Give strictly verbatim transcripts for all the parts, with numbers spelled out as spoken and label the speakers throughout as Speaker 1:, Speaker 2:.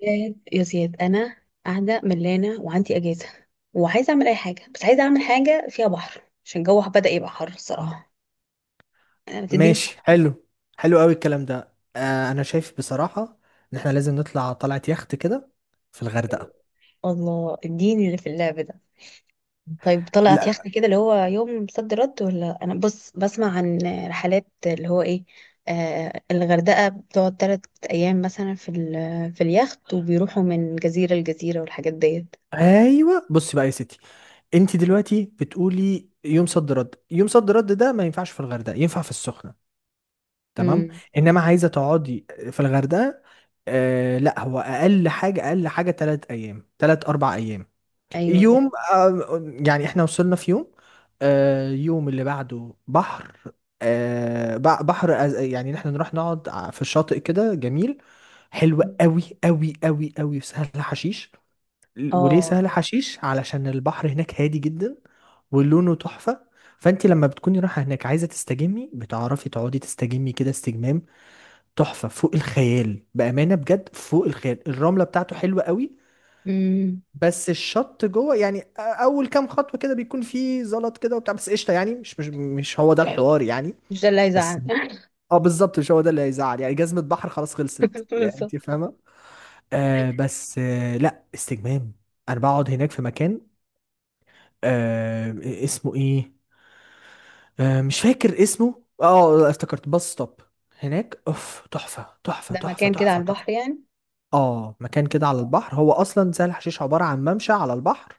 Speaker 1: زياد يا زياد انا قاعده ملانه وعندي اجازه، وعايزه اعمل اي حاجه، بس عايزه اعمل حاجه فيها بحر عشان الجو بدا يبقى حر الصراحه. انا بتديني في
Speaker 2: ماشي، حلو. حلو قوي الكلام ده. آه انا شايف بصراحة ان احنا لازم نطلع طلعة يخت كده في
Speaker 1: الحرية.
Speaker 2: الغردقة.
Speaker 1: الله اديني اللي في اللعب ده. طيب طلعت
Speaker 2: لا.
Speaker 1: يخت كده اللي هو يوم صد رد، ولا انا بص بسمع عن رحلات اللي هو ايه. آه الغردقه بتقعد تلات ايام مثلا في ال- في اليخت، وبيروحوا من جزيره لجزيره والحاجات ديت.
Speaker 2: ايوه بصي بقى يا ستي، انت دلوقتي بتقولي يوم صد رد، يوم صد رد ده ما ينفعش في الغردقة، ينفع في السخنة. تمام.
Speaker 1: امم
Speaker 2: انما عايزة تقعدي في الغردقة، آه لا هو اقل حاجة، اقل حاجة تلات ايام، تلات اربع ايام.
Speaker 1: ايوه دي
Speaker 2: يوم
Speaker 1: حقيقة.
Speaker 2: آه، يعني احنا وصلنا في يوم، آه، يوم اللي بعده بحر، آه، بع- بحر أز- يعني احنا نروح نقعد ع- في الشاطئ كده جميل، حلو قوي قوي قوي قوي في سهل حشيش. ل- وليه
Speaker 1: اه.
Speaker 2: سهل حشيش؟ علشان البحر هناك هادي جدا ولونه تحفة. فانت لما بتكوني رايحة هناك عايزة تستجمي، بتعرفي تقعدي تستجمي كده، استجمام تحفة فوق الخيال، بأمانة بجد فوق الخيال. الرملة بتاعته حلوة قوي،
Speaker 1: امم
Speaker 2: بس الشط جوه يعني اول كام خطوه كده بيكون فيه زلط كده وبتاع، بس قشطه، يعني مش مش مش هو ده الحوار يعني.
Speaker 1: مش ده اللي
Speaker 2: بس
Speaker 1: هيزعل.
Speaker 2: اه بالظبط، مش هو ده اللي هيزعل، يعني جزمه بحر خلاص خلصت، يعني انت
Speaker 1: بالظبط.
Speaker 2: فاهمه. آه بس آه لا استجمام. انا بقعد هناك في مكان آه اسمه ايه، آه مش فاكر اسمه، اه افتكرت، باص ستوب. هناك اوف، تحفه تحفه
Speaker 1: ده
Speaker 2: تحفه
Speaker 1: مكان كده على
Speaker 2: تحفه تحفه.
Speaker 1: البحر يعني.
Speaker 2: اه مكان كده على البحر، هو اصلا سهل حشيش عباره عن ممشى على البحر.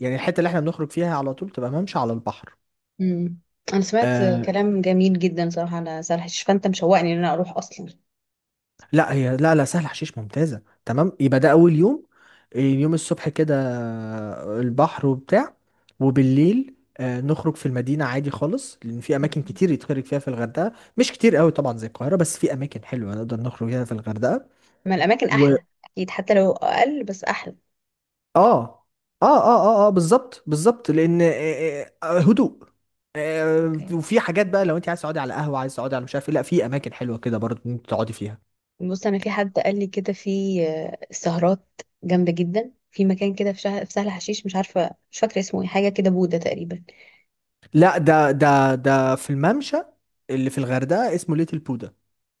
Speaker 2: يعني الحته اللي احنا بنخرج فيها على طول تبقى ممشى على البحر.
Speaker 1: امم انا سمعت
Speaker 2: آه
Speaker 1: كلام جميل جدا صراحه على سهل حشيش، فانت مشوقني ان انا اروح اصلا.
Speaker 2: لا هي، لا لا سهل حشيش ممتازه. تمام، يبقى ده اول يوم. اليوم الصبح كده آه، البحر وبتاع، وبالليل آه نخرج في المدينه عادي خالص، لان في اماكن كتير يتخرج فيها في الغردقه، مش كتير قوي طبعا زي القاهره، بس في اماكن حلوه نقدر نخرج فيها في الغردقه.
Speaker 1: ما الاماكن
Speaker 2: و
Speaker 1: احلى اكيد، حتى لو اقل بس احلى.
Speaker 2: اه اه اه اه اه بالظبط بالظبط، لان آه، آه، آه، هدوء. آه،
Speaker 1: اوكي
Speaker 2: وفي حاجات بقى، لو انت عايز تقعدي على قهوه، عايز تقعدي على مش عارف ايه، لا في اماكن حلوه كده برضه انت تقعدي فيها.
Speaker 1: بص، انا في حد قال لي كده في آه، سهرات جامده جدا في مكان كده في شهر في سهل حشيش، مش عارفه مش فاكره اسمه ايه، حاجه كده بوده تقريبا.
Speaker 2: لا ده ده ده في الممشى اللي في الغردقة اسمه ليتل بودا.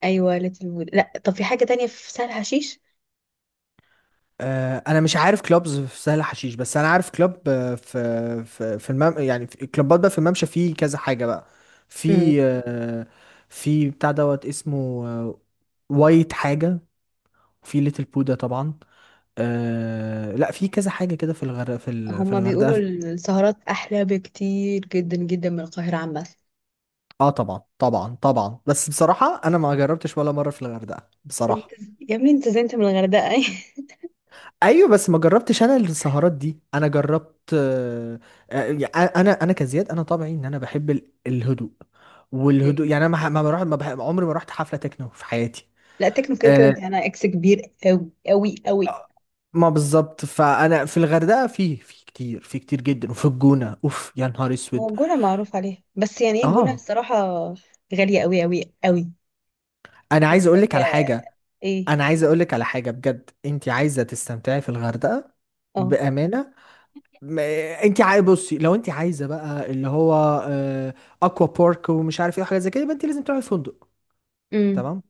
Speaker 1: ايوه ليتل بودا، لا طب في حاجه تانية في سهل حشيش.
Speaker 2: آه انا مش عارف كلوبز في سهل حشيش، بس انا عارف كلوب آه، في في في المم يعني في كلوبات بقى في الممشى، في كذا حاجة بقى،
Speaker 1: امم
Speaker 2: في آه في بتاع دوت اسمه آه وايت حاجة، في ليتل بودا طبعا. آه لا في كذا حاجة كده في الغردقة، في ال- في
Speaker 1: هما
Speaker 2: الغردقة.
Speaker 1: بيقولوا السهرات احلى بكتير جدا جدا من القاهره عامه.
Speaker 2: اه طبعا طبعا طبعا، بس بصراحة انا ما جربتش ولا مرة في الغردقة
Speaker 1: انت
Speaker 2: بصراحة.
Speaker 1: يا ابني انت زي انت من الغردقه.
Speaker 2: ايوه بس ما جربتش انا السهرات دي. انا جربت آه، آه، آه، انا انا كزياد انا طبيعي ان انا بحب ال- الهدوء،
Speaker 1: اوكي
Speaker 2: والهدوء يعني انا ما ح- ما بروح ما بح- عمري ما رحت حفله تكنو في حياتي.
Speaker 1: لا تكنو كده كده
Speaker 2: آه،
Speaker 1: دي انا اكس كبير قوي قوي قوي.
Speaker 2: آه، ما بالظبط. فانا في الغردقه في في كتير في كتير جدا، وفي الجونه اوف يا نهار
Speaker 1: هو
Speaker 2: اسود.
Speaker 1: الجونه معروف عليها، بس يعني ايه الجونه
Speaker 2: اه
Speaker 1: الصراحه؟ غاليه قوي قوي قوي.
Speaker 2: انا عايز اقول لك على
Speaker 1: محتاجه
Speaker 2: حاجه،
Speaker 1: ايه؟
Speaker 2: انا عايز اقول لك على حاجه بجد. انت عايزه تستمتعي في الغردقه
Speaker 1: اه.
Speaker 2: بامانه، ما- انت عاي بصي، لو انت عايزه بقى اللي هو آه، اكوا بارك ومش عارف ايه وحاجات زي كده يبقى انت لازم تروحي فندق.
Speaker 1: امم
Speaker 2: تمام.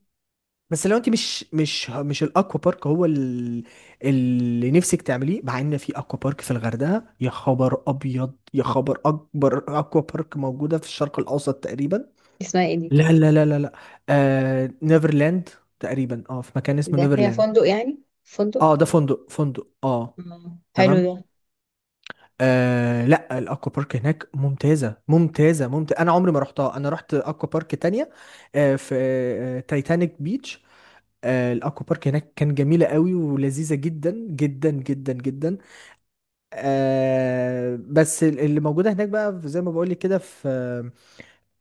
Speaker 2: بس لو انت مش مش مش الاكوا بارك هو ال- اللي نفسك تعمليه، مع ان في اكوا بارك في الغردقه، يا خبر ابيض يا خبر اكبر، اكوا بارك موجوده في الشرق الاوسط تقريبا.
Speaker 1: اسمها ايه دي؟
Speaker 2: لا لا لا لا لا. آه نيفرلاند تقريبا، اه في مكان اسمه
Speaker 1: ده فيها
Speaker 2: نيفرلاند.
Speaker 1: فندق يعني فندق؟
Speaker 2: اه ده فندق، فندق اه.
Speaker 1: آه. حلو
Speaker 2: تمام.
Speaker 1: ده.
Speaker 2: آه لا الاكوا بارك هناك ممتازه ممتازه ممتازه، انا عمري ما رحتها. انا رحت اكوا بارك تانية آه في آه تايتانيك بيتش. آه الاكوا بارك هناك كان جميله قوي ولذيذه جدا جدا جدا جدا. آه بس ال- اللي موجوده هناك بقى في- زي ما بقول لك كده، في آه،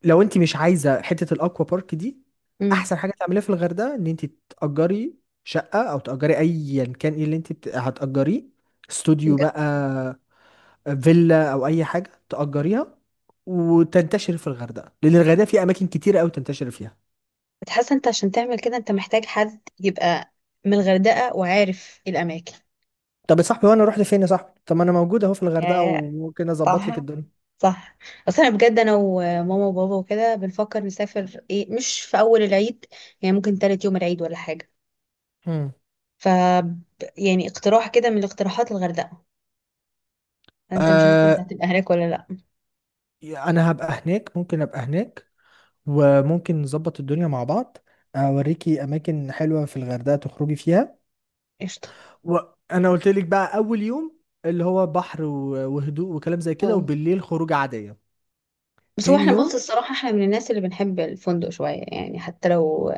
Speaker 2: لو انت مش عايزه حته الاكوا بارك دي،
Speaker 1: امم
Speaker 2: احسن حاجه تعمليها في الغردقه ان انت تاجري شقه، او تاجري ايا كان ايه اللي انت بت- هتاجريه، استوديو بقى، فيلا، او اي حاجه تاجريها وتنتشر في الغردقه، لان الغردقه في اماكن كتيره قوي تنتشر فيها.
Speaker 1: بتحس انت عشان تعمل كده انت محتاج حد يبقى من الغردقه وعارف الاماكن.
Speaker 2: طب يا صاحبي وانا اروح لفين يا صاحبي؟ طب ما انا موجود اهو في الغردقه
Speaker 1: يا
Speaker 2: وممكن اظبط لك
Speaker 1: صح
Speaker 2: الدنيا.
Speaker 1: صح، اصلا بجد انا وماما وبابا وكده بنفكر نسافر ايه مش في اول العيد، يعني ممكن تالت يوم العيد ولا حاجه.
Speaker 2: مم.
Speaker 1: ف يعني اقتراح كده من الاقتراحات الغردقه، انت مش عارف انت
Speaker 2: آه
Speaker 1: هتبقى هناك ولا لا؟
Speaker 2: انا هبقى هناك، ممكن ابقى هناك وممكن نظبط الدنيا مع بعض، اوريكي اماكن حلوه في الغردقه تخرجي فيها.
Speaker 1: قشطه.
Speaker 2: وانا قلت لك بقى اول يوم اللي هو بحر و- وهدوء وكلام زي كده،
Speaker 1: اه
Speaker 2: وبالليل خروج عاديه.
Speaker 1: بس هو
Speaker 2: تاني
Speaker 1: احنا بص
Speaker 2: يوم
Speaker 1: الصراحه احنا من الناس اللي بنحب الفندق شويه، يعني حتى لو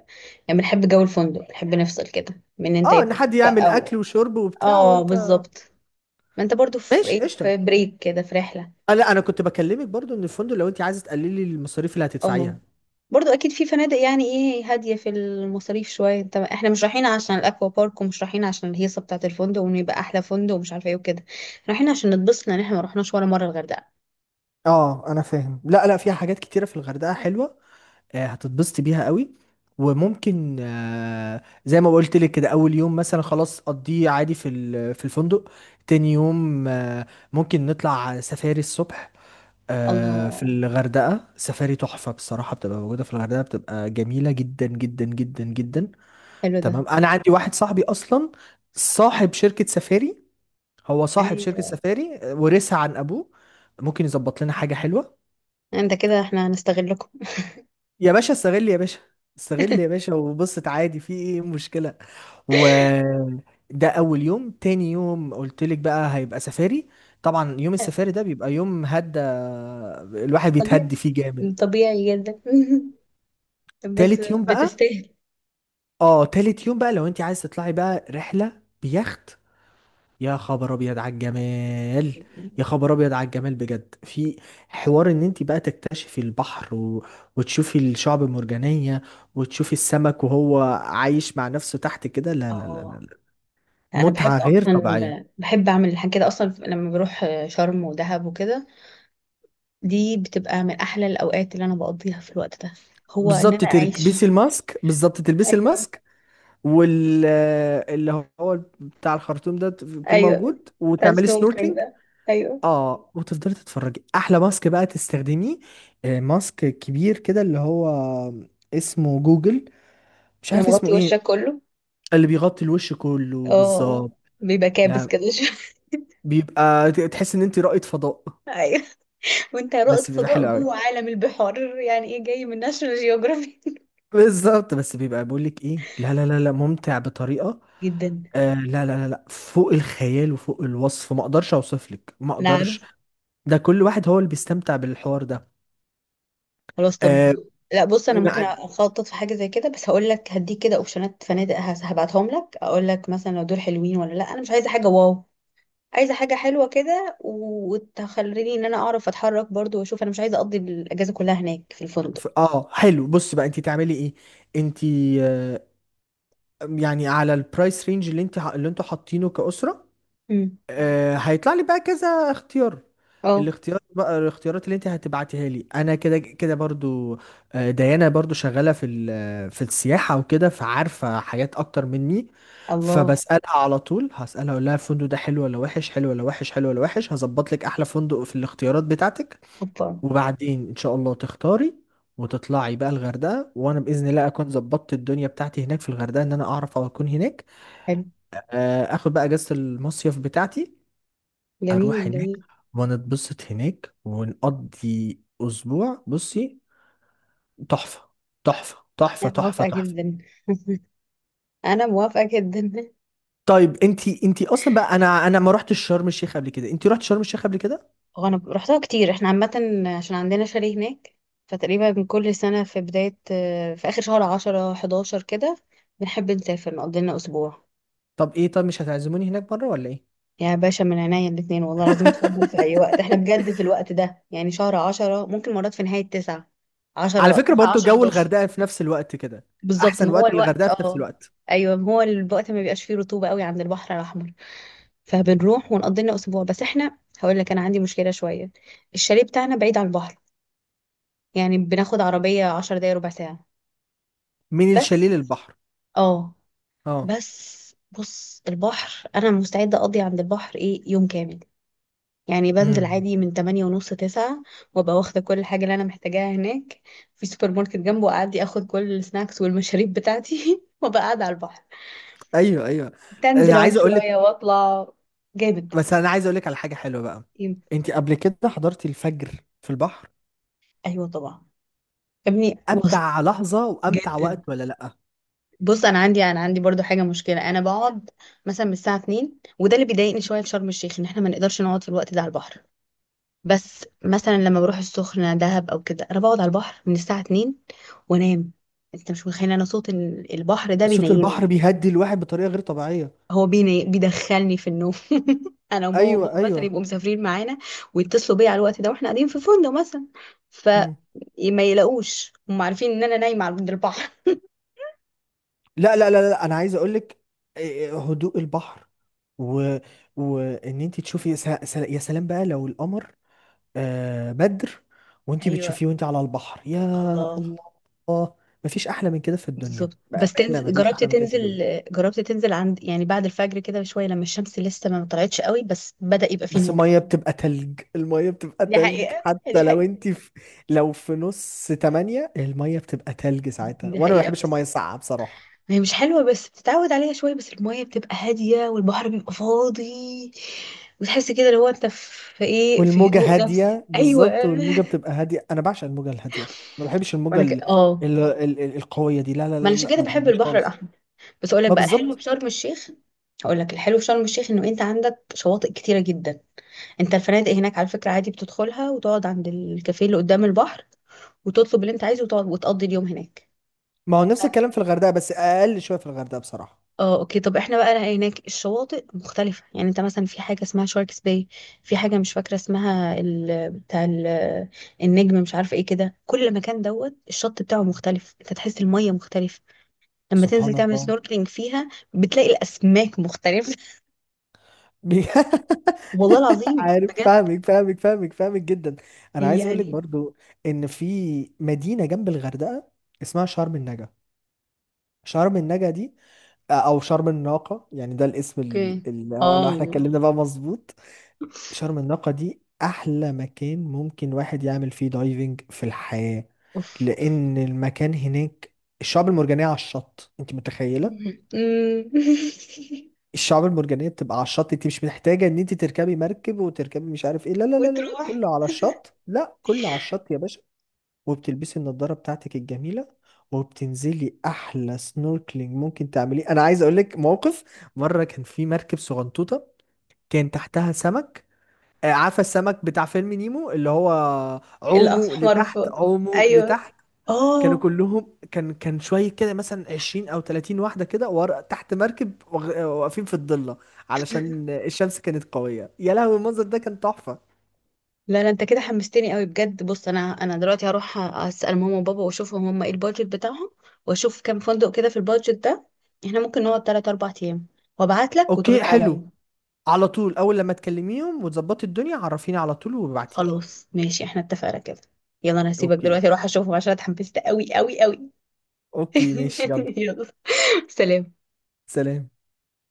Speaker 1: يعني بنحب جو الفندق، بنحب نفصل كده من ان انت
Speaker 2: اه، ان
Speaker 1: يبقى.
Speaker 2: حد يعمل اكل
Speaker 1: او
Speaker 2: وشرب وبتاع
Speaker 1: اه
Speaker 2: وانت.
Speaker 1: بالظبط، ما انت برضو في
Speaker 2: ماشي
Speaker 1: ايه
Speaker 2: قشطه.
Speaker 1: في بريك كده في رحله.
Speaker 2: آه لا انا كنت بكلمك برضو ان الفندق لو انت عايزه تقللي المصاريف اللي
Speaker 1: اه،
Speaker 2: هتدفعيها.
Speaker 1: برضو اكيد في فنادق يعني ايه هاديه في المصاريف شويه. انت احنا مش رايحين عشان الاكوا بارك، ومش رايحين عشان الهيصه بتاعه الفندق وان يبقى احلى فندق ومش عارفه ايه وكده. رايحين عشان نتبسط، لان احنا ما رحناش ولا مره الغردقه.
Speaker 2: اه انا فاهم. لا لا، فيها حاجات كتيرة في الغردقة حلوة، آه، هتتبسطي بيها قوي. وممكن آه، زي ما قلت لك كده اول يوم مثلا خلاص، قضيه عادي في ال- في الفندق. تاني يوم آه، ممكن نطلع سفاري الصبح. آه، في
Speaker 1: الله.
Speaker 2: الغردقة سفاري تحفة بصراحة، بتبقى موجودة في الغردقة، بتبقى جميلة جدا جدا جدا جدا.
Speaker 1: حلو ده.
Speaker 2: تمام. انا عندي واحد صاحبي اصلا صاحب شركة سفاري، هو صاحب شركة
Speaker 1: ايوه.
Speaker 2: سفاري ورثها عن أبوه. ممكن يظبط لنا حاجة حلوة.
Speaker 1: انت كده احنا هنستغلكم.
Speaker 2: يا باشا استغل، يا باشا استغل يا باشا وبصت عادي، في ايه مشكلة؟ و ده أول يوم. تاني يوم قلتلك بقى هيبقى سفاري، طبعا يوم السفاري ده بيبقى يوم هدى، الواحد
Speaker 1: طبيعي،
Speaker 2: بيتهدي فيه جامد.
Speaker 1: طبيعي جدا. بس
Speaker 2: تالت يوم بقى،
Speaker 1: بتستاهل.
Speaker 2: اه تالت يوم بقى لو انت عايز تطلعي بقى رحلة بيخت، يا خبر ابيض على الجمال، يا خبر ابيض على الجمال بجد. في حوار ان انت بقى تكتشفي البحر و... وتشوفي الشعب المرجانية وتشوفي السمك وهو عايش مع نفسه تحت كده، لا لا لا لا
Speaker 1: اه
Speaker 2: لا.
Speaker 1: انا
Speaker 2: متعة
Speaker 1: بحب
Speaker 2: غير
Speaker 1: اصلا
Speaker 2: طبيعية.
Speaker 1: بحب اعمل الحاجات كده اصلا، لما بروح شرم ودهب وكده دي بتبقى من احلى الاوقات اللي انا بقضيها. في الوقت ده هو ان
Speaker 2: بالظبط
Speaker 1: انا
Speaker 2: تلبسي
Speaker 1: اعيش.
Speaker 2: الماسك، بالظبط تلبسي
Speaker 1: ايوه
Speaker 2: الماسك وال اللي هو بتاع الخرطوم ده يكون
Speaker 1: ايوه.
Speaker 2: موجود،
Speaker 1: بتاع
Speaker 2: وتعملي
Speaker 1: السنوركلينج
Speaker 2: سنوركلينج.
Speaker 1: ده، ايوه.
Speaker 2: اه وتفضلي تتفرجي. احلى ماسك بقى تستخدميه آه، ماسك كبير كده اللي هو اسمه جوجل، مش
Speaker 1: انا
Speaker 2: عارف
Speaker 1: مغطي
Speaker 2: اسمه ايه،
Speaker 1: وشك كله،
Speaker 2: اللي بيغطي الوش كله
Speaker 1: اه،
Speaker 2: بالظبط.
Speaker 1: بيبقى كابس
Speaker 2: لا
Speaker 1: كده شوية.
Speaker 2: بيبقى ت- تحس ان انت رائد فضاء،
Speaker 1: ايوه، وانت رائد
Speaker 2: بس بيبقى
Speaker 1: فضاء
Speaker 2: حلو قوي
Speaker 1: جوه عالم البحار يعني ايه جاي من ناشونال جيوغرافي.
Speaker 2: بالظبط، بس بيبقى بيقول لك ايه؟ لا لا لا لا ممتع بطريقة
Speaker 1: جدا.
Speaker 2: آه لا لا لا لا فوق الخيال وفوق الوصف، ما اقدرش اوصف لك ما
Speaker 1: انا
Speaker 2: اقدرش.
Speaker 1: عارف.
Speaker 2: ده كل واحد هو اللي بيستمتع بالحوار ده.
Speaker 1: خلاص طب،
Speaker 2: آه
Speaker 1: لا بص انا ممكن اخطط في حاجه زي كده، بس هقول لك هديك كده اوبشنات فنادق هس- هبعتهم لك، اقول لك مثلا لو دول حلوين ولا لا. انا مش عايزه حاجه واو، عايزه حاجه حلوه كده، وتخليني ان انا اعرف اتحرك برضو واشوف. انا مش عايزه اقضي الاجازه كلها هناك في الفندق.
Speaker 2: ف- اه حلو. بص بقى انت تعملي ايه انت، آه، يعني على البرايس رينج اللي انت اللي انتوا حاطينه كأسرة،
Speaker 1: امم
Speaker 2: آه، هيطلع لي بقى كذا اختيار.
Speaker 1: اه.
Speaker 2: الاختيار بقى الاختيارات اللي انت هتبعتيها لي انا كده كده برضو، آه، ديانا برضو شغالة في ال- في السياحة وكده، فعارفة حاجات اكتر مني.
Speaker 1: الله.
Speaker 2: فبسألها على طول، هسألها اقول لها الفندق ده حلو ولا وحش، حلو ولا وحش، حلو ولا وحش. هظبط لك احلى فندق في الاختيارات بتاعتك.
Speaker 1: اوبا.
Speaker 2: وبعدين ان شاء الله تختاري وتطلعي بقى الغردقه، وانا باذن الله اكون ظبطت الدنيا بتاعتي هناك في الغردقه ان انا اعرف اكون هناك.
Speaker 1: حلو.
Speaker 2: آه، اخد بقى اجازه المصيف بتاعتي، اروح
Speaker 1: جميل
Speaker 2: هناك
Speaker 1: جميل.
Speaker 2: ونتبسط هناك ونقضي اسبوع. بصي تحفه تحفه تحفه
Speaker 1: انا
Speaker 2: تحفه
Speaker 1: موافقه
Speaker 2: تحفه.
Speaker 1: جدا، انا موافقه جدا.
Speaker 2: طيب انتي انتي اصلا بقى، انا انا ما رحتش شرم الشيخ قبل كده، انتي رحت شرم الشيخ قبل كده؟
Speaker 1: هو انا رحتها كتير احنا عامه، عشان عندنا شاليه هناك. فتقريبا كل سنه في بدايه في اخر شهر عشرة حداشر كده بنحب نسافر نقضي لنا اسبوع.
Speaker 2: طب ايه، طب مش هتعزموني هناك مره ولا ايه؟
Speaker 1: يا باشا من عينيا الاتنين والله العظيم تفضل في أي وقت. احنا بجد في الوقت ده يعني شهر عشرة، ممكن مرات في نهاية تسعة،
Speaker 2: على
Speaker 1: عشرة
Speaker 2: فكرة
Speaker 1: تسعة
Speaker 2: برضو
Speaker 1: عشرة
Speaker 2: جو
Speaker 1: حداشر.
Speaker 2: الغردقة في نفس الوقت كده،
Speaker 1: بالظبط،
Speaker 2: احسن
Speaker 1: ما هو
Speaker 2: وقت للغردقة
Speaker 1: الوقت
Speaker 2: في نفس
Speaker 1: اه.
Speaker 2: الوقت.
Speaker 1: أيوه ما هو الوقت ما بيبقاش فيه رطوبة قوي عند البحر الأحمر. فبنروح ونقضي لنا أسبوع، بس احنا هقول لك أنا عندي مشكلة شوية، الشاليه بتاعنا بعيد عن البحر، يعني بناخد عربية عشر دقايق ربع ساعة
Speaker 2: من الشاليه
Speaker 1: بس.
Speaker 2: للبحر.
Speaker 1: اه
Speaker 2: اه.
Speaker 1: بس بص البحر أنا مستعدة أقضي عند البحر إيه يوم كامل، يعني بنزل
Speaker 2: امم.
Speaker 1: عادي من تمانية ونص تسعة، وابقى واخدة كل حاجة اللي أنا محتاجاها هناك. في سوبر ماركت جنبه، أعدي أخد كل السناكس والمشاريب بتاعتي، وابقى قاعدة على البحر،
Speaker 2: ايوه ايوه.
Speaker 1: تنزل
Speaker 2: انا
Speaker 1: أعوم
Speaker 2: عايز اقول لك،
Speaker 1: شوية وأطلع. جامد.
Speaker 2: بس انا عايز اقول لك على حاجة حلوة بقى.
Speaker 1: يم-
Speaker 2: انت قبل كده حضرتي الفجر في البحر؟
Speaker 1: أيوة طبعا. يا ابني بص،
Speaker 2: امتع لحظة وامتع
Speaker 1: جدا.
Speaker 2: وقت، ولا لا؟
Speaker 1: بص أنا عندي أنا عندي برضو حاجة مشكلة، أنا بقعد مثلا من الساعة اتنين، وده اللي بيضايقني شوية في شرم الشيخ، إن إحنا ما نقدرش نقعد في الوقت ده على البحر. بس مثلا لما بروح السخنة دهب أو كده أنا بقعد على البحر من الساعة اتنين وأنام. أنت مش متخيل أنا صوت ال- البحر ده
Speaker 2: صوت البحر
Speaker 1: بينيمني،
Speaker 2: بيهدي الواحد بطريقة غير طبيعية.
Speaker 1: هو بيني... بيدخلني في النوم. أنا وماما
Speaker 2: ايوه
Speaker 1: وبابا مثلا
Speaker 2: ايوه.
Speaker 1: يبقوا مسافرين معانا، ويتصلوا بيا على الوقت ده وإحنا قاعدين في فندق مثلا،
Speaker 2: مم.
Speaker 1: فما يلاقوش، هم عارفين إن أنا نايمة عند البحر.
Speaker 2: لا لا لا لا انا عايز اقول لك. هدوء البحر و... وان انت تشوفي يا س... يا سلام بقى، لو القمر آه، بدر وانتي
Speaker 1: أيوه.
Speaker 2: بتشوفيه وانتي على البحر، يا
Speaker 1: الله.
Speaker 2: الله. مفيش احلى من كده في الدنيا
Speaker 1: بالظبط. بس
Speaker 2: بأمانة،
Speaker 1: تنزل،
Speaker 2: مفيش
Speaker 1: جربت
Speaker 2: احلى من كده في الدنيا.
Speaker 1: تنزل جربت تنزل عند يعني بعد الفجر كده بشوية، لما الشمس لسه ما طلعتش قوي بس بدأ يبقى فيه
Speaker 2: بس
Speaker 1: نور.
Speaker 2: المية بتبقى تلج، المية بتبقى
Speaker 1: دي
Speaker 2: تلج
Speaker 1: حقيقة، دي
Speaker 2: حتى لو
Speaker 1: حقيقة،
Speaker 2: انتي في، لو في نص تمانية المية بتبقى تلج ساعتها،
Speaker 1: دي
Speaker 2: وانا ما
Speaker 1: حقيقة.
Speaker 2: بحبش المية
Speaker 1: بس
Speaker 2: الساقعة بصراحة.
Speaker 1: هي مش حلوة، بس بتتعود عليها شوية، بس المية بتبقى هادية والبحر بيبقى فاضي، وتحس كده اللي هو انت في في ايه في
Speaker 2: والموجة
Speaker 1: هدوء نفسي
Speaker 2: هادية،
Speaker 1: ايوه.
Speaker 2: بالظبط والموجة بتبقى هادية، انا بعشق الموجة الهادية، ما بحبش الموجة
Speaker 1: وانا ك...
Speaker 2: ال...
Speaker 1: اه
Speaker 2: ال... ال... ال- القوية دي، لا لا
Speaker 1: ما انا
Speaker 2: لا
Speaker 1: عشان
Speaker 2: لا
Speaker 1: كده
Speaker 2: ما
Speaker 1: بحب
Speaker 2: بحبهاش
Speaker 1: البحر
Speaker 2: خالص.
Speaker 1: الاحمر. بس اقول لك
Speaker 2: ما
Speaker 1: بقى الحلو في
Speaker 2: بالظبط.
Speaker 1: شرم الشيخ، هقول لك الحلو في شرم الشيخ انه انت عندك شواطئ كتيرة جدا. انت الفنادق هناك على فكرة عادي بتدخلها وتقعد عند الكافيه اللي قدام البحر، وتطلب اللي انت عايزه وتقعد وتقضي اليوم هناك.
Speaker 2: ما هو نفس الكلام في الغردقة، بس اقل شوية في الغردقة بصراحة.
Speaker 1: اه اوكي، طب احنا بقى هناك الشواطئ مختلفة. يعني انت مثلا في حاجة اسمها شاركس باي، في حاجة مش فاكرة اسمها ال... بتاع ال... النجم، مش عارفة ايه. كده كل مكان دوت الشط بتاعه مختلف، انت تحس المية مختلفة، لما تنزل
Speaker 2: سبحان
Speaker 1: تعمل
Speaker 2: الله.
Speaker 1: سنوركلينج فيها بتلاقي الاسماك مختلفة.
Speaker 2: بي-
Speaker 1: والله العظيم
Speaker 2: عارف،
Speaker 1: بجد،
Speaker 2: فاهمك فاهمك فاهمك فاهمك جدا. انا عايز اقول لك
Speaker 1: يعني.
Speaker 2: برضو ان في مدينه جنب الغردقه اسمها شرم النجا. شرم النجا دي، او شرم الناقه يعني ده الاسم ال-
Speaker 1: اوكي.
Speaker 2: ال- آه، لو احنا
Speaker 1: اه.
Speaker 2: اتكلمنا بقى مظبوط. شرم الناقه دي احلى مكان ممكن واحد يعمل فيه دايفنج في الحياه.
Speaker 1: اوف اوف.
Speaker 2: لان المكان هناك الشعب المرجانيه على الشط انت متخيله؟
Speaker 1: مم.
Speaker 2: الشعاب المرجانية بتبقى على الشط، انت مش محتاجة ان انت تركبي مركب وتركبي مش عارف ايه، لا لا لا لا لا،
Speaker 1: وتروح.
Speaker 2: كله على الشط، لا كله على الشط يا باشا. وبتلبسي النضارة بتاعتك الجميلة وبتنزلي احلى سنوركلينج ممكن تعمليه. انا عايز اقول لك موقف، مرة كان في مركب صغنطوطة، كان تحتها سمك آه، عارفة السمك بتاع فيلم نيمو اللي هو عومه
Speaker 1: الاحمر
Speaker 2: لتحت
Speaker 1: فوق.
Speaker 2: عومه
Speaker 1: ايوه
Speaker 2: لتحت؟ كانوا
Speaker 1: اه.
Speaker 2: كلهم كان كان شويه كده مثلا عشرين او تلاتين واحده كده ورا تحت مركب وغ- واقفين في الضله علشان الشمس كانت قويه. يا لهوي المنظر ده كان تحفه.
Speaker 1: لا لا، انت كده حمستني قوي بجد. بص انا انا دلوقتي هروح اسال ماما وبابا واشوفهم هم ايه البادجت بتاعهم، واشوف كام فندق كده في البادجت ده احنا ممكن نقعد تلاتة اربعة ايام، وابعت لك
Speaker 2: اوكي
Speaker 1: وترد
Speaker 2: حلو.
Speaker 1: عليا.
Speaker 2: على طول اول لما تكلميهم وتظبطي الدنيا عرفيني على طول وابعتيلي.
Speaker 1: خلاص ماشي احنا اتفقنا كده. يلا انا هسيبك
Speaker 2: اوكي
Speaker 1: دلوقتي اروح اشوفهم عشان اتحمست قوي قوي قوي.
Speaker 2: اوكي ماشي يلا.
Speaker 1: يلا سلام.
Speaker 2: سلام.